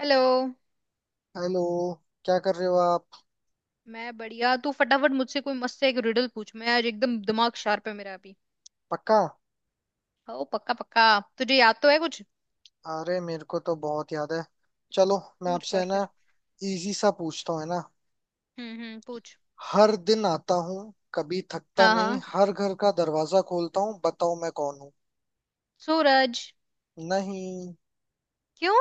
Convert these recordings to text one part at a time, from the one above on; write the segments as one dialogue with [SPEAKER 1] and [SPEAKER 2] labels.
[SPEAKER 1] Hello.
[SPEAKER 2] Hello. क्या कर रहे हो आप?
[SPEAKER 1] मैं बढ़िया। तू फटाफट मुझसे कोई मस्त सा एक रिडल पूछ। मैं आज एकदम दिमाग शार्प है मेरा अभी।
[SPEAKER 2] पक्का?
[SPEAKER 1] ओ पक्का पक्का। तुझे याद तो है कुछ?
[SPEAKER 2] अरे मेरे को तो बहुत याद है। चलो, मैं
[SPEAKER 1] पूछ
[SPEAKER 2] आपसे
[SPEAKER 1] पर
[SPEAKER 2] है ना
[SPEAKER 1] फिर।
[SPEAKER 2] इजी सा पूछता हूँ, है ना।
[SPEAKER 1] हम्म, हम्म, पूछ।
[SPEAKER 2] हर दिन आता हूँ, कभी थकता
[SPEAKER 1] हाँ
[SPEAKER 2] नहीं,
[SPEAKER 1] हाँ।
[SPEAKER 2] हर घर का दरवाजा खोलता हूँ, बताओ मैं कौन हूँ?
[SPEAKER 1] सूरज।
[SPEAKER 2] नहीं,
[SPEAKER 1] क्यों?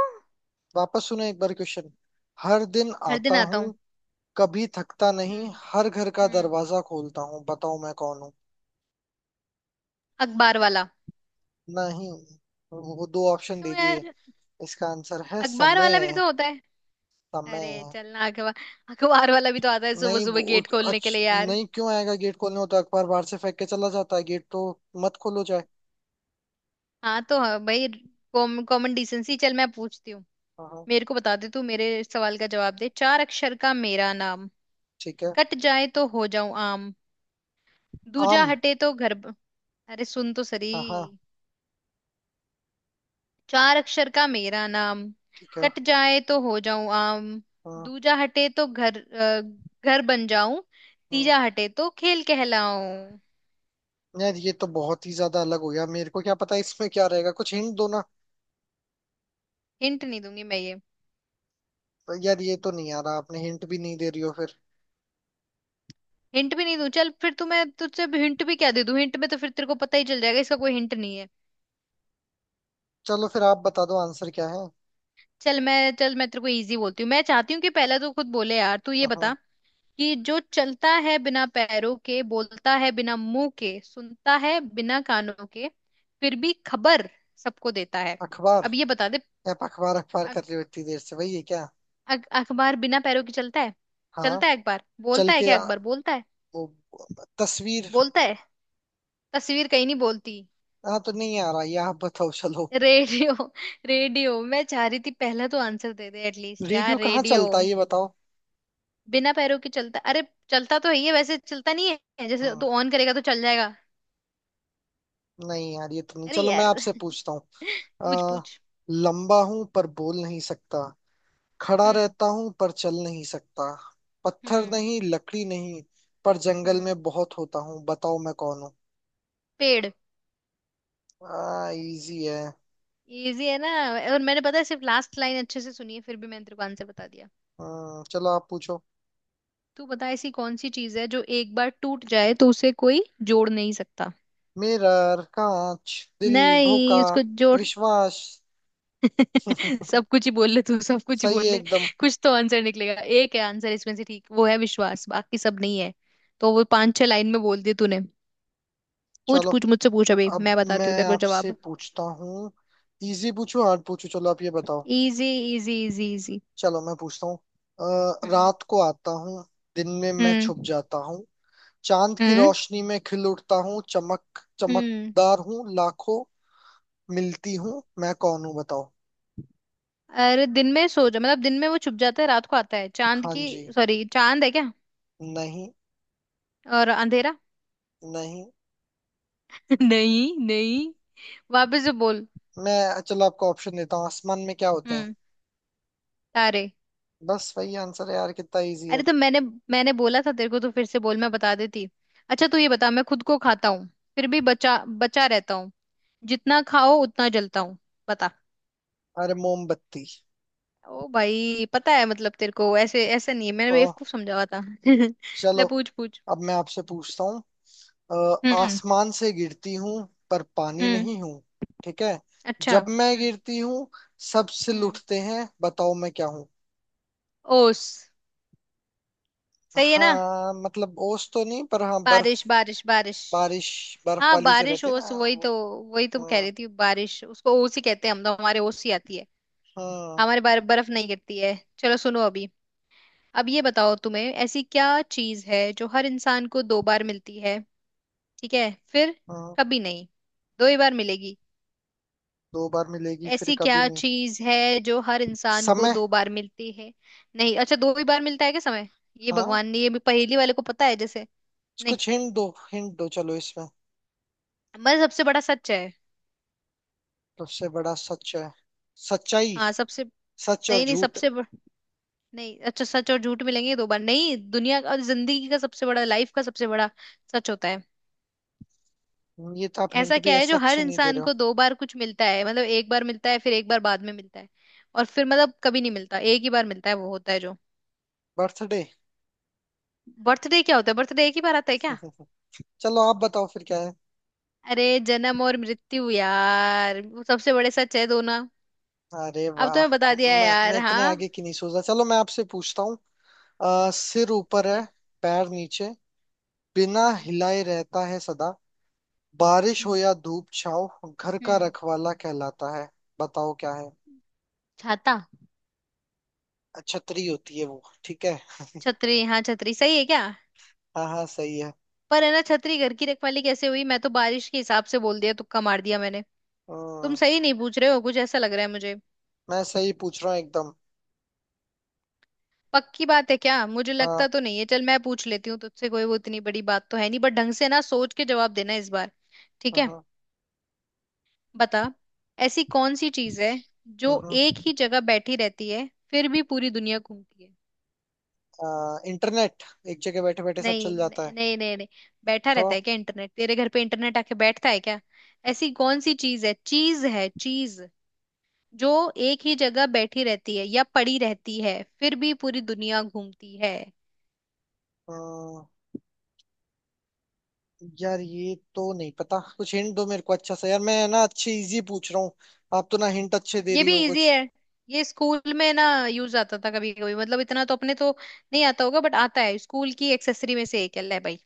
[SPEAKER 2] वापस सुनो एक बार क्वेश्चन। हर दिन
[SPEAKER 1] हर
[SPEAKER 2] आता
[SPEAKER 1] दिन आता
[SPEAKER 2] हूँ,
[SPEAKER 1] हूँ।
[SPEAKER 2] कभी थकता नहीं,
[SPEAKER 1] हम्म,
[SPEAKER 2] हर घर का
[SPEAKER 1] हम्म।
[SPEAKER 2] दरवाजा खोलता हूँ, बताओ मैं कौन हूँ?
[SPEAKER 1] अखबार वाला।
[SPEAKER 2] नहीं, वो दो ऑप्शन
[SPEAKER 1] क्यों
[SPEAKER 2] दे दिए।
[SPEAKER 1] यार?
[SPEAKER 2] इसका आंसर है
[SPEAKER 1] अखबार वाला भी
[SPEAKER 2] समय।
[SPEAKER 1] तो होता है। अरे
[SPEAKER 2] समय।
[SPEAKER 1] चलना अखबार। अखबार वाला भी तो आता है सुबह
[SPEAKER 2] नहीं
[SPEAKER 1] सुबह
[SPEAKER 2] वो,
[SPEAKER 1] गेट खोलने के
[SPEAKER 2] अच्छ
[SPEAKER 1] लिए यार।
[SPEAKER 2] नहीं क्यों आएगा गेट खोलने, हो तो अखबार बाहर से फेंक के चला जाता है, गेट तो मत खोलो चाहे।
[SPEAKER 1] हाँ तो हाँ, भाई। Common decency. चल मैं पूछती हूँ।
[SPEAKER 2] हाँ हाँ।
[SPEAKER 1] मेरे को बता दे, तू मेरे सवाल का जवाब दे। चार अक्षर का मेरा नाम,
[SPEAKER 2] ठीक है।
[SPEAKER 1] कट जाए तो हो जाऊं आम,
[SPEAKER 2] आम।
[SPEAKER 1] दूजा हटे तो घर अरे सुन तो सरी।
[SPEAKER 2] हाँ हाँ।
[SPEAKER 1] चार अक्षर का मेरा नाम,
[SPEAKER 2] ठीक है।
[SPEAKER 1] कट जाए तो हो जाऊं आम,
[SPEAKER 2] हाँ
[SPEAKER 1] दूजा हटे तो घर बन जाऊं,
[SPEAKER 2] हाँ।
[SPEAKER 1] तीजा हटे तो खेल कहलाऊं।
[SPEAKER 2] यार ये तो बहुत ही ज्यादा अलग हो गया, मेरे को क्या पता इसमें क्या रहेगा, कुछ हिंट दो ना।
[SPEAKER 1] हिंट नहीं दूंगी मैं ये।
[SPEAKER 2] यार ये तो नहीं आ रहा, आपने हिंट भी नहीं दे रही हो फिर।
[SPEAKER 1] हिंट भी नहीं दूं? चल फिर तू, मैं तुझसे हिंट भी क्या दे दूं? हिंट में तो फिर तेरे को पता ही चल जाएगा, इसका कोई हिंट नहीं है।
[SPEAKER 2] चलो फिर आप बता दो आंसर क्या है।
[SPEAKER 1] चल मैं तेरे को इजी बोलती हूँ। मैं चाहती हूँ कि पहले तू खुद बोले, यार तू ये
[SPEAKER 2] हाँ हाँ।
[SPEAKER 1] बता कि जो चलता है बिना पैरों के, बोलता है बिना मुंह के, सुनता है बिना कानों के, फिर भी खबर सबको देता है।
[SPEAKER 2] अखबार।
[SPEAKER 1] अब ये बता दे।
[SPEAKER 2] आप अखबार अखबार कर
[SPEAKER 1] अख-
[SPEAKER 2] रहे हो इतनी देर से, वही है क्या?
[SPEAKER 1] अखबार बिना पैरों के चलता है।
[SPEAKER 2] हाँ।
[SPEAKER 1] चलता है अखबार,
[SPEAKER 2] चल
[SPEAKER 1] बोलता है
[SPEAKER 2] के
[SPEAKER 1] क्या
[SPEAKER 2] आ,
[SPEAKER 1] अखबार? बोलता है
[SPEAKER 2] वो तस्वीर।
[SPEAKER 1] बोलता है। तस्वीर कहीं नहीं बोलती।
[SPEAKER 2] हाँ तो नहीं आ रहा ये, आप बताओ चलो।
[SPEAKER 1] रेडियो। रेडियो, मैं चाह रही थी पहला तो आंसर दे दे एटलीस्ट
[SPEAKER 2] रेडियो
[SPEAKER 1] यार,
[SPEAKER 2] कहाँ
[SPEAKER 1] रेडियो।
[SPEAKER 2] चलता है ये बताओ?
[SPEAKER 1] बिना पैरों के चलता, अरे। चलता तो है ये वैसे, चलता नहीं है, जैसे
[SPEAKER 2] हाँ।
[SPEAKER 1] तू ऑन करेगा तो चल जाएगा।
[SPEAKER 2] नहीं यार ये तो नहीं,
[SPEAKER 1] अरे
[SPEAKER 2] चलो मैं
[SPEAKER 1] यार।
[SPEAKER 2] आपसे पूछता हूँ।
[SPEAKER 1] पूछ
[SPEAKER 2] अ,
[SPEAKER 1] पूछ।
[SPEAKER 2] लंबा हूं पर बोल नहीं सकता, खड़ा
[SPEAKER 1] हम्म,
[SPEAKER 2] रहता हूं पर चल नहीं सकता, पत्थर
[SPEAKER 1] हम्म,
[SPEAKER 2] नहीं लकड़ी नहीं, पर जंगल
[SPEAKER 1] हम्म।
[SPEAKER 2] में बहुत होता हूँ, बताओ मैं कौन हूँ?
[SPEAKER 1] पेड़।
[SPEAKER 2] इजी है।
[SPEAKER 1] इजी है ना? और मैंने पता है सिर्फ लास्ट लाइन अच्छे से सुनी है, फिर भी मैंने तेरे को आंसर बता दिया।
[SPEAKER 2] चलो आप पूछो।
[SPEAKER 1] तू बता, ऐसी कौन सी चीज है जो एक बार टूट जाए तो उसे कोई जोड़ नहीं सकता?
[SPEAKER 2] मिरर, कांच, दिल,
[SPEAKER 1] नहीं,
[SPEAKER 2] धोखा,
[SPEAKER 1] उसको जोड़।
[SPEAKER 2] विश्वास।
[SPEAKER 1] सब कुछ ही बोल ले तू, सब कुछ ही
[SPEAKER 2] सही
[SPEAKER 1] बोल
[SPEAKER 2] है
[SPEAKER 1] ले।
[SPEAKER 2] एकदम।
[SPEAKER 1] कुछ तो आंसर निकलेगा। एक है आंसर इसमें से, ठीक वो है विश्वास, बाकी सब नहीं है। तो वो पांच छह लाइन में बोल दी तूने। पूछ
[SPEAKER 2] चलो,
[SPEAKER 1] पूछ मुझसे, पूछ अभी
[SPEAKER 2] अब
[SPEAKER 1] मैं
[SPEAKER 2] मैं
[SPEAKER 1] बताती हूँ तेरे को
[SPEAKER 2] आपसे
[SPEAKER 1] जवाब।
[SPEAKER 2] पूछता हूँ। इजी पूछूं हार्ड पूछूं, चलो आप ये बताओ।
[SPEAKER 1] इजी। Easy easy easy.
[SPEAKER 2] चलो मैं पूछता हूँ।
[SPEAKER 1] हम्म,
[SPEAKER 2] रात को आता हूँ, दिन में मैं छुप
[SPEAKER 1] हम्म,
[SPEAKER 2] जाता हूँ, चांद की
[SPEAKER 1] हम्म,
[SPEAKER 2] रोशनी में खिल उठता हूँ, चमक
[SPEAKER 1] हम्म।
[SPEAKER 2] चमकदार हूँ, लाखों मिलती हूँ, मैं कौन हूँ बताओ?
[SPEAKER 1] अरे दिन में सो जा, मतलब दिन में वो छुप जाता है, रात को आता है चांद
[SPEAKER 2] हाँ
[SPEAKER 1] की।
[SPEAKER 2] जी।
[SPEAKER 1] सॉरी, चांद है क्या?
[SPEAKER 2] नहीं।
[SPEAKER 1] और अंधेरा?
[SPEAKER 2] नहीं,
[SPEAKER 1] नहीं नहीं। वापस से बोल।
[SPEAKER 2] मैं चलो आपको ऑप्शन देता हूँ, आसमान में क्या होते हैं?
[SPEAKER 1] हम्म। तारे।
[SPEAKER 2] बस वही आंसर है यार, कितना इजी है।
[SPEAKER 1] अरे तो मैंने मैंने बोला था तेरे को, तो फिर से बोल मैं बता देती। अच्छा तू ये बता, मैं खुद को खाता हूँ, फिर भी बचा बचा रहता हूँ, जितना खाओ उतना जलता हूँ, बता।
[SPEAKER 2] अरे मोमबत्ती।
[SPEAKER 1] ओ भाई, पता है, मतलब तेरे को ऐसे ऐसा नहीं है, मैंने
[SPEAKER 2] तो
[SPEAKER 1] बेवकूफ समझा हुआ था।
[SPEAKER 2] चलो,
[SPEAKER 1] ले पूछ पूछ।
[SPEAKER 2] अब मैं आपसे पूछता हूँ। अ,
[SPEAKER 1] हम्म,
[SPEAKER 2] आसमान से गिरती हूँ, पर पानी
[SPEAKER 1] हम्म,
[SPEAKER 2] नहीं हूँ। ठीक है।
[SPEAKER 1] अच्छा,
[SPEAKER 2] जब मैं
[SPEAKER 1] हम्म।
[SPEAKER 2] गिरती हूँ, सब सिल
[SPEAKER 1] हम्म।
[SPEAKER 2] उठते हैं, बताओ मैं क्या हूँ?
[SPEAKER 1] ओस। सही है ना?
[SPEAKER 2] हाँ मतलब ओस तो नहीं, पर हाँ बर्फ।
[SPEAKER 1] बारिश बारिश बारिश।
[SPEAKER 2] बारिश। बर्फ
[SPEAKER 1] हाँ,
[SPEAKER 2] वाली जो
[SPEAKER 1] बारिश
[SPEAKER 2] रहती है ना,
[SPEAKER 1] ओस वही
[SPEAKER 2] वो।
[SPEAKER 1] तो। वही तो कह
[SPEAKER 2] हाँ।
[SPEAKER 1] रही थी बारिश, उसको ओस ही कहते हैं हम तो, हमारे ओस ही आती है।
[SPEAKER 2] हाँ।
[SPEAKER 1] हमारे बार बर्फ नहीं गिरती है। चलो सुनो अभी। अब ये बताओ तुम्हें, ऐसी क्या चीज है जो हर इंसान को दो बार मिलती है? ठीक है फिर।
[SPEAKER 2] हाँ।
[SPEAKER 1] कभी नहीं। दो ही बार मिलेगी।
[SPEAKER 2] दो बार मिलेगी फिर
[SPEAKER 1] ऐसी
[SPEAKER 2] कभी
[SPEAKER 1] क्या
[SPEAKER 2] नहीं।
[SPEAKER 1] चीज है जो हर इंसान को
[SPEAKER 2] समय।
[SPEAKER 1] दो बार मिलती है? नहीं, अच्छा दो ही बार मिलता है क्या समय? ये
[SPEAKER 2] हाँ
[SPEAKER 1] भगवान ने, ये भी पहेली वाले को पता है जैसे। नहीं।
[SPEAKER 2] कुछ हिंट दो, हिंट दो चलो इसमें।
[SPEAKER 1] मैं सबसे बड़ा सच है।
[SPEAKER 2] सबसे बड़ा सच है। सच्चाई।
[SPEAKER 1] हाँ सबसे।
[SPEAKER 2] सच और
[SPEAKER 1] नहीं नहीं
[SPEAKER 2] झूठ।
[SPEAKER 1] सबसे नहीं अच्छा, सच और झूठ मिलेंगे ये दो बार नहीं, दुनिया का और जिंदगी का सबसे बड़ा, लाइफ का सबसे बड़ा सच होता है।
[SPEAKER 2] ये तो आप हिंट
[SPEAKER 1] ऐसा
[SPEAKER 2] भी
[SPEAKER 1] क्या है
[SPEAKER 2] ऐसे
[SPEAKER 1] जो हर
[SPEAKER 2] अच्छे नहीं दे
[SPEAKER 1] इंसान
[SPEAKER 2] रहे हो।
[SPEAKER 1] को दो बार कुछ मिलता है, मतलब एक बार मिलता है फिर एक बार बाद में मिलता है, और फिर मतलब कभी नहीं मिलता, एक ही बार मिलता है वो होता है जो।
[SPEAKER 2] बर्थडे।
[SPEAKER 1] बर्थडे क्या होता है? बर्थडे एक ही बार आता है क्या?
[SPEAKER 2] चलो आप बताओ फिर क्या है।
[SPEAKER 1] अरे जन्म और मृत्यु यार, वो सबसे बड़े सच है दोनों।
[SPEAKER 2] अरे
[SPEAKER 1] अब तो
[SPEAKER 2] वाह।
[SPEAKER 1] मैं बता दिया है
[SPEAKER 2] मैं
[SPEAKER 1] यार,
[SPEAKER 2] मैं इतने
[SPEAKER 1] हाँ।
[SPEAKER 2] आगे की नहीं सोच रहा, चलो मैं आपसे पूछता हूँ। सिर ऊपर
[SPEAKER 1] ठीक
[SPEAKER 2] है,
[SPEAKER 1] है।
[SPEAKER 2] पैर नीचे, बिना
[SPEAKER 1] हम्म,
[SPEAKER 2] हिलाए रहता है सदा, बारिश हो
[SPEAKER 1] हम्म,
[SPEAKER 2] या धूप छाव, घर का
[SPEAKER 1] हम्म।
[SPEAKER 2] रखवाला कहलाता है। बताओ क्या है?
[SPEAKER 1] छाता।
[SPEAKER 2] छतरी होती है वो, ठीक है?
[SPEAKER 1] छतरी, हाँ छतरी सही है क्या?
[SPEAKER 2] हाँ हाँ, सही है।
[SPEAKER 1] पर है ना, छतरी घर की रखवाली कैसे हुई? मैं तो बारिश के हिसाब से बोल दिया, तुक्का मार दिया मैंने। तुम
[SPEAKER 2] हम्म।
[SPEAKER 1] सही नहीं पूछ रहे हो कुछ, ऐसा लग रहा है मुझे।
[SPEAKER 2] मैं सही पूछ रहा हूँ एकदम।
[SPEAKER 1] पक्की बात है क्या? मुझे
[SPEAKER 2] हाँ।
[SPEAKER 1] लगता तो नहीं है। चल मैं पूछ लेती हूँ तुझसे कोई, वो इतनी बड़ी बात तो है नहीं, बट ढंग से ना सोच के जवाब देना इस बार। ठीक है।
[SPEAKER 2] हम्म।
[SPEAKER 1] बता। ऐसी कौन सी चीज है जो
[SPEAKER 2] हम्म।
[SPEAKER 1] एक ही जगह बैठी रहती है, फिर भी पूरी दुनिया घूमती है?
[SPEAKER 2] इंटरनेट। एक जगह बैठे बैठे सब
[SPEAKER 1] नहीं
[SPEAKER 2] चल जाता
[SPEAKER 1] नहीं
[SPEAKER 2] है।
[SPEAKER 1] नहीं नहीं नहीं। बैठा
[SPEAKER 2] तो
[SPEAKER 1] रहता है क्या इंटरनेट? तेरे घर पे इंटरनेट आके बैठता है क्या? ऐसी कौन सी चीज है, चीज है, चीज जो एक ही जगह बैठी रहती है या पड़ी रहती है, फिर भी पूरी दुनिया घूमती है?
[SPEAKER 2] हम्म, यार ये तो नहीं पता, कुछ हिंट दो मेरे को अच्छा सा यार, मैं ना अच्छे इजी पूछ रहा हूँ। आप तो ना हिंट अच्छे दे
[SPEAKER 1] ये
[SPEAKER 2] रही
[SPEAKER 1] भी
[SPEAKER 2] हो
[SPEAKER 1] इजी
[SPEAKER 2] कुछ।
[SPEAKER 1] है। ये स्कूल में ना यूज आता था कभी कभी, मतलब इतना तो अपने तो नहीं आता होगा, बट आता है, स्कूल की एक्सेसरी में से एक है ले भाई।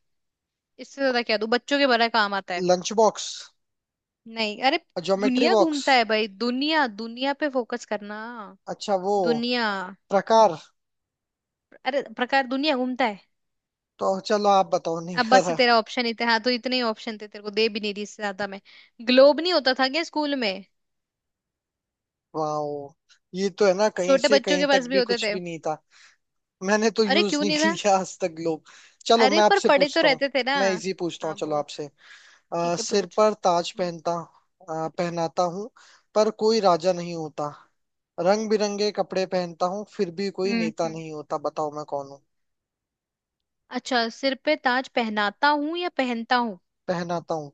[SPEAKER 1] इससे ज्यादा क्या दूं, बच्चों के बड़ा काम आता है।
[SPEAKER 2] Lunch box.
[SPEAKER 1] नहीं अरे।
[SPEAKER 2] ज्योमेट्री
[SPEAKER 1] दुनिया
[SPEAKER 2] बॉक्स।
[SPEAKER 1] घूमता है भाई, दुनिया, दुनिया पे फोकस करना।
[SPEAKER 2] अच्छा वो,
[SPEAKER 1] दुनिया।
[SPEAKER 2] प्रकार।
[SPEAKER 1] अरे प्रकार दुनिया घूमता है?
[SPEAKER 2] तो चलो आप बताओ, नहीं
[SPEAKER 1] अब बस
[SPEAKER 2] यार।
[SPEAKER 1] तेरा ऑप्शन ही था, हाँ तो इतने ही ऑप्शन थे तेरे को, दे भी नहीं रही इससे ज्यादा मैं। ग्लोब नहीं होता था क्या स्कूल में?
[SPEAKER 2] वाओ। ये तो है ना, कहीं
[SPEAKER 1] छोटे
[SPEAKER 2] से
[SPEAKER 1] बच्चों
[SPEAKER 2] कहीं
[SPEAKER 1] के
[SPEAKER 2] तक
[SPEAKER 1] पास भी
[SPEAKER 2] भी
[SPEAKER 1] होते
[SPEAKER 2] कुछ
[SPEAKER 1] थे।
[SPEAKER 2] भी नहीं था। मैंने तो
[SPEAKER 1] अरे
[SPEAKER 2] यूज
[SPEAKER 1] क्यों
[SPEAKER 2] नहीं
[SPEAKER 1] नहीं था?
[SPEAKER 2] किया आज तक लोग। चलो
[SPEAKER 1] अरे
[SPEAKER 2] मैं
[SPEAKER 1] पर
[SPEAKER 2] आपसे
[SPEAKER 1] पड़े तो
[SPEAKER 2] पूछता हूँ।
[SPEAKER 1] रहते थे ना।
[SPEAKER 2] मैं इजी पूछता हूँ
[SPEAKER 1] हाँ
[SPEAKER 2] चलो
[SPEAKER 1] बोल।
[SPEAKER 2] आपसे।
[SPEAKER 1] ठीक है
[SPEAKER 2] सिर
[SPEAKER 1] पूछ।
[SPEAKER 2] पर ताज
[SPEAKER 1] हम्म,
[SPEAKER 2] पहनता, पहनाता हूँ, पर कोई राजा नहीं होता। रंग बिरंगे कपड़े पहनता हूँ, फिर भी कोई
[SPEAKER 1] हम्म,
[SPEAKER 2] नेता
[SPEAKER 1] हम्म।
[SPEAKER 2] नहीं होता। बताओ मैं कौन हूँ?
[SPEAKER 1] अच्छा सिर पे ताज पहनाता हूँ या पहनता हूँ?
[SPEAKER 2] पहनाता हूँ।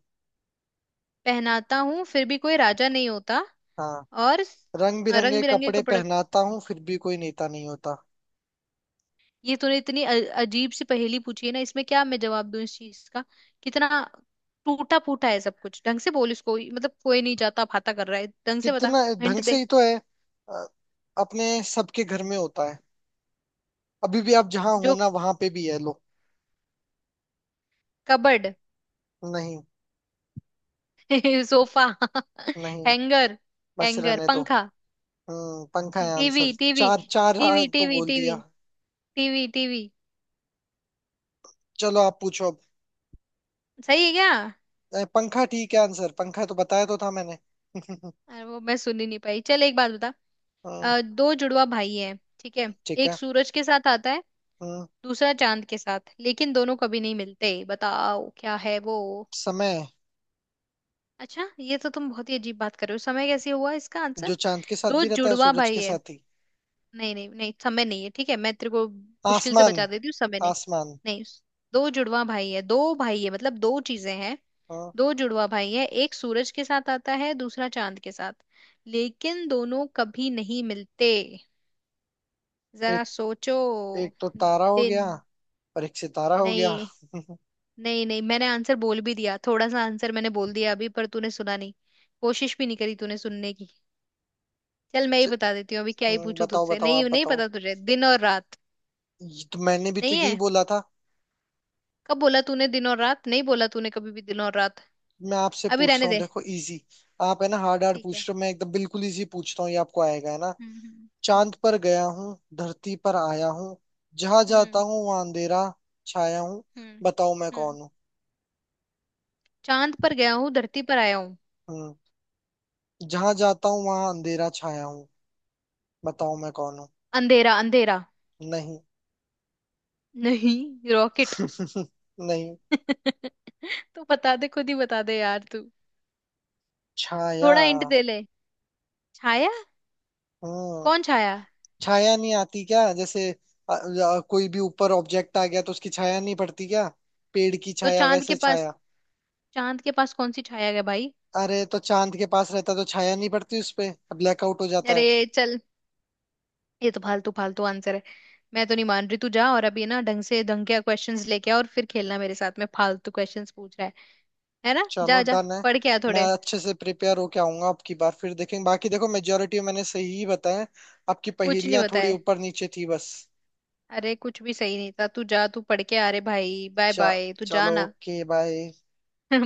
[SPEAKER 1] पहनाता हूँ, फिर भी कोई राजा नहीं होता।
[SPEAKER 2] हाँ।
[SPEAKER 1] और
[SPEAKER 2] रंग बिरंगे
[SPEAKER 1] रंग बिरंगे
[SPEAKER 2] कपड़े
[SPEAKER 1] कपड़े।
[SPEAKER 2] पहनाता हूँ, फिर भी कोई नेता नहीं होता।
[SPEAKER 1] ये तूने इतनी अजीब सी पहेली पूछी है ना, इसमें क्या मैं जवाब दूं इस चीज का? कितना टूटा फूटा है सब कुछ, ढंग से बोल इसको, मतलब कोई नहीं जाता फाता कर रहा है, ढंग से बता।
[SPEAKER 2] कितना
[SPEAKER 1] हिंट
[SPEAKER 2] ढंग से
[SPEAKER 1] दे।
[SPEAKER 2] ही तो है। अ, अपने सबके घर में होता है, अभी भी आप जहाँ हो
[SPEAKER 1] जो।
[SPEAKER 2] ना वहां पे भी है लो।
[SPEAKER 1] कबर्ड।
[SPEAKER 2] नहीं।
[SPEAKER 1] सोफा।
[SPEAKER 2] नहीं।
[SPEAKER 1] हैंगर।
[SPEAKER 2] बस
[SPEAKER 1] हैंगर,
[SPEAKER 2] रहने दो।
[SPEAKER 1] पंखा।
[SPEAKER 2] हम्म, पंखा है
[SPEAKER 1] टीवी
[SPEAKER 2] आंसर।
[SPEAKER 1] टीवी
[SPEAKER 2] चार चार आ,
[SPEAKER 1] टीवी
[SPEAKER 2] तो
[SPEAKER 1] टीवी
[SPEAKER 2] बोल
[SPEAKER 1] टीवी
[SPEAKER 2] दिया।
[SPEAKER 1] TV TV.
[SPEAKER 2] चलो आप पूछो अब।
[SPEAKER 1] सही है क्या?
[SPEAKER 2] पंखा ठीक है आंसर, पंखा तो बताया तो था मैंने।
[SPEAKER 1] अरे वो मैं सुन ही नहीं पाई, चल एक बात बता।
[SPEAKER 2] हम्म,
[SPEAKER 1] दो जुड़वा भाई हैं, ठीक है?
[SPEAKER 2] ठीक
[SPEAKER 1] एक
[SPEAKER 2] है।
[SPEAKER 1] सूरज के साथ आता है,
[SPEAKER 2] हम्म।
[SPEAKER 1] दूसरा चांद के साथ, लेकिन दोनों कभी नहीं मिलते, बताओ क्या है वो?
[SPEAKER 2] समय।
[SPEAKER 1] अच्छा ये तो तुम बहुत ही अजीब बात कर रहे हो, समय कैसे हुआ इसका आंसर?
[SPEAKER 2] जो चांद के साथ
[SPEAKER 1] दो
[SPEAKER 2] भी रहता है
[SPEAKER 1] जुड़वा
[SPEAKER 2] सूरज
[SPEAKER 1] भाई
[SPEAKER 2] के
[SPEAKER 1] है।
[SPEAKER 2] साथ ही।
[SPEAKER 1] नहीं नहीं नहीं समय नहीं है, ठीक है मैं तेरे को मुश्किल से
[SPEAKER 2] आसमान।
[SPEAKER 1] बचा देती हूँ, समय नहीं।
[SPEAKER 2] आसमान।
[SPEAKER 1] नहीं। दो जुड़वा भाई है, दो भाई है मतलब दो चीजें हैं।
[SPEAKER 2] हाँ।
[SPEAKER 1] दो जुड़वा भाई है, एक सूरज के साथ आता है, दूसरा चांद के साथ, लेकिन दोनों कभी नहीं मिलते।
[SPEAKER 2] एक
[SPEAKER 1] जरा सोचो।
[SPEAKER 2] एक तो तारा हो
[SPEAKER 1] दिन।
[SPEAKER 2] गया, और एक सितारा हो गया।
[SPEAKER 1] नहीं नहीं नहीं, मैंने आंसर बोल भी दिया थोड़ा सा, आंसर मैंने बोल दिया अभी, पर तूने सुना नहीं, कोशिश भी नहीं करी तूने सुनने की। चल मैं
[SPEAKER 2] च,
[SPEAKER 1] ही बता देती हूँ, अभी क्या ही पूछूं
[SPEAKER 2] बताओ
[SPEAKER 1] तुझसे,
[SPEAKER 2] बताओ,
[SPEAKER 1] नहीं
[SPEAKER 2] आप
[SPEAKER 1] नहीं
[SPEAKER 2] बताओ।
[SPEAKER 1] पता तुझे, दिन और रात।
[SPEAKER 2] ये तो मैंने भी तो
[SPEAKER 1] नहीं
[SPEAKER 2] यही
[SPEAKER 1] है।
[SPEAKER 2] बोला था।
[SPEAKER 1] कब बोला तूने दिन और रात? नहीं बोला तूने कभी भी दिन और रात।
[SPEAKER 2] मैं आपसे
[SPEAKER 1] अभी
[SPEAKER 2] पूछता
[SPEAKER 1] रहने
[SPEAKER 2] हूँ
[SPEAKER 1] दे।
[SPEAKER 2] देखो, इजी। आप है ना हार्ड हार्ड
[SPEAKER 1] ठीक है।
[SPEAKER 2] पूछ रहे हो, मैं एकदम बिल्कुल इजी पूछता हूँ, ये आपको आएगा, है ना?
[SPEAKER 1] हम्म हम्म
[SPEAKER 2] चांद पर गया हूँ, धरती पर आया हूँ, जहाँ जाता
[SPEAKER 1] हम्म
[SPEAKER 2] हूँ वहाँ अंधेरा छाया हूँ,
[SPEAKER 1] हम्म
[SPEAKER 2] बताओ मैं
[SPEAKER 1] हम्म हम्म।
[SPEAKER 2] कौन हूँ?
[SPEAKER 1] चांद पर गया हूँ धरती पर आया हूँ।
[SPEAKER 2] हम्म। जहाँ जाता हूँ वहाँ अंधेरा छाया हूँ, बताओ मैं कौन हूँ?
[SPEAKER 1] अंधेरा, अंधेरा।
[SPEAKER 2] नहीं।
[SPEAKER 1] नहीं, रॉकेट।
[SPEAKER 2] नहीं।
[SPEAKER 1] तू बता दे, खुद ही बता दे यार तू।
[SPEAKER 2] छाया।
[SPEAKER 1] थोड़ा हिंट दे ले। छाया।
[SPEAKER 2] हम्म।
[SPEAKER 1] कौन छाया?
[SPEAKER 2] छाया नहीं आती क्या? जैसे कोई भी ऊपर ऑब्जेक्ट आ गया, तो उसकी छाया नहीं पड़ती क्या? पेड़ की
[SPEAKER 1] तो
[SPEAKER 2] छाया
[SPEAKER 1] चांद के
[SPEAKER 2] वैसे
[SPEAKER 1] पास,
[SPEAKER 2] छाया।
[SPEAKER 1] चांद के पास कौन सी छाया है भाई?
[SPEAKER 2] अरे तो चांद के पास रहता तो छाया नहीं पड़ती उस पे, ब्लैकआउट हो जाता है।
[SPEAKER 1] अरे चल, ये तो फालतू फालतू आंसर है। मैं तो नहीं मान रही, तू जा और अभी ना ढंग से, ढंग के क्वेश्चंस लेके आ और फिर खेलना मेरे साथ में, फालतू क्वेश्चंस पूछ रहा है। है ना,
[SPEAKER 2] चलो
[SPEAKER 1] जा जा
[SPEAKER 2] डन है।
[SPEAKER 1] पढ़ के आ
[SPEAKER 2] मैं
[SPEAKER 1] थोड़े।
[SPEAKER 2] अच्छे से प्रिपेयर होके आऊंगा अब की बार, फिर देखेंगे। बाकी देखो मेजोरिटी मैंने सही ही बताया, आपकी
[SPEAKER 1] कुछ नहीं
[SPEAKER 2] पहेलियां थोड़ी
[SPEAKER 1] बताए।
[SPEAKER 2] ऊपर नीचे थी बस।
[SPEAKER 1] अरे कुछ भी सही नहीं था, तू जा, तू पढ़ के आ रे भाई, बाय
[SPEAKER 2] चा,
[SPEAKER 1] बाय तू जा
[SPEAKER 2] चलो
[SPEAKER 1] ना।
[SPEAKER 2] Okay bye.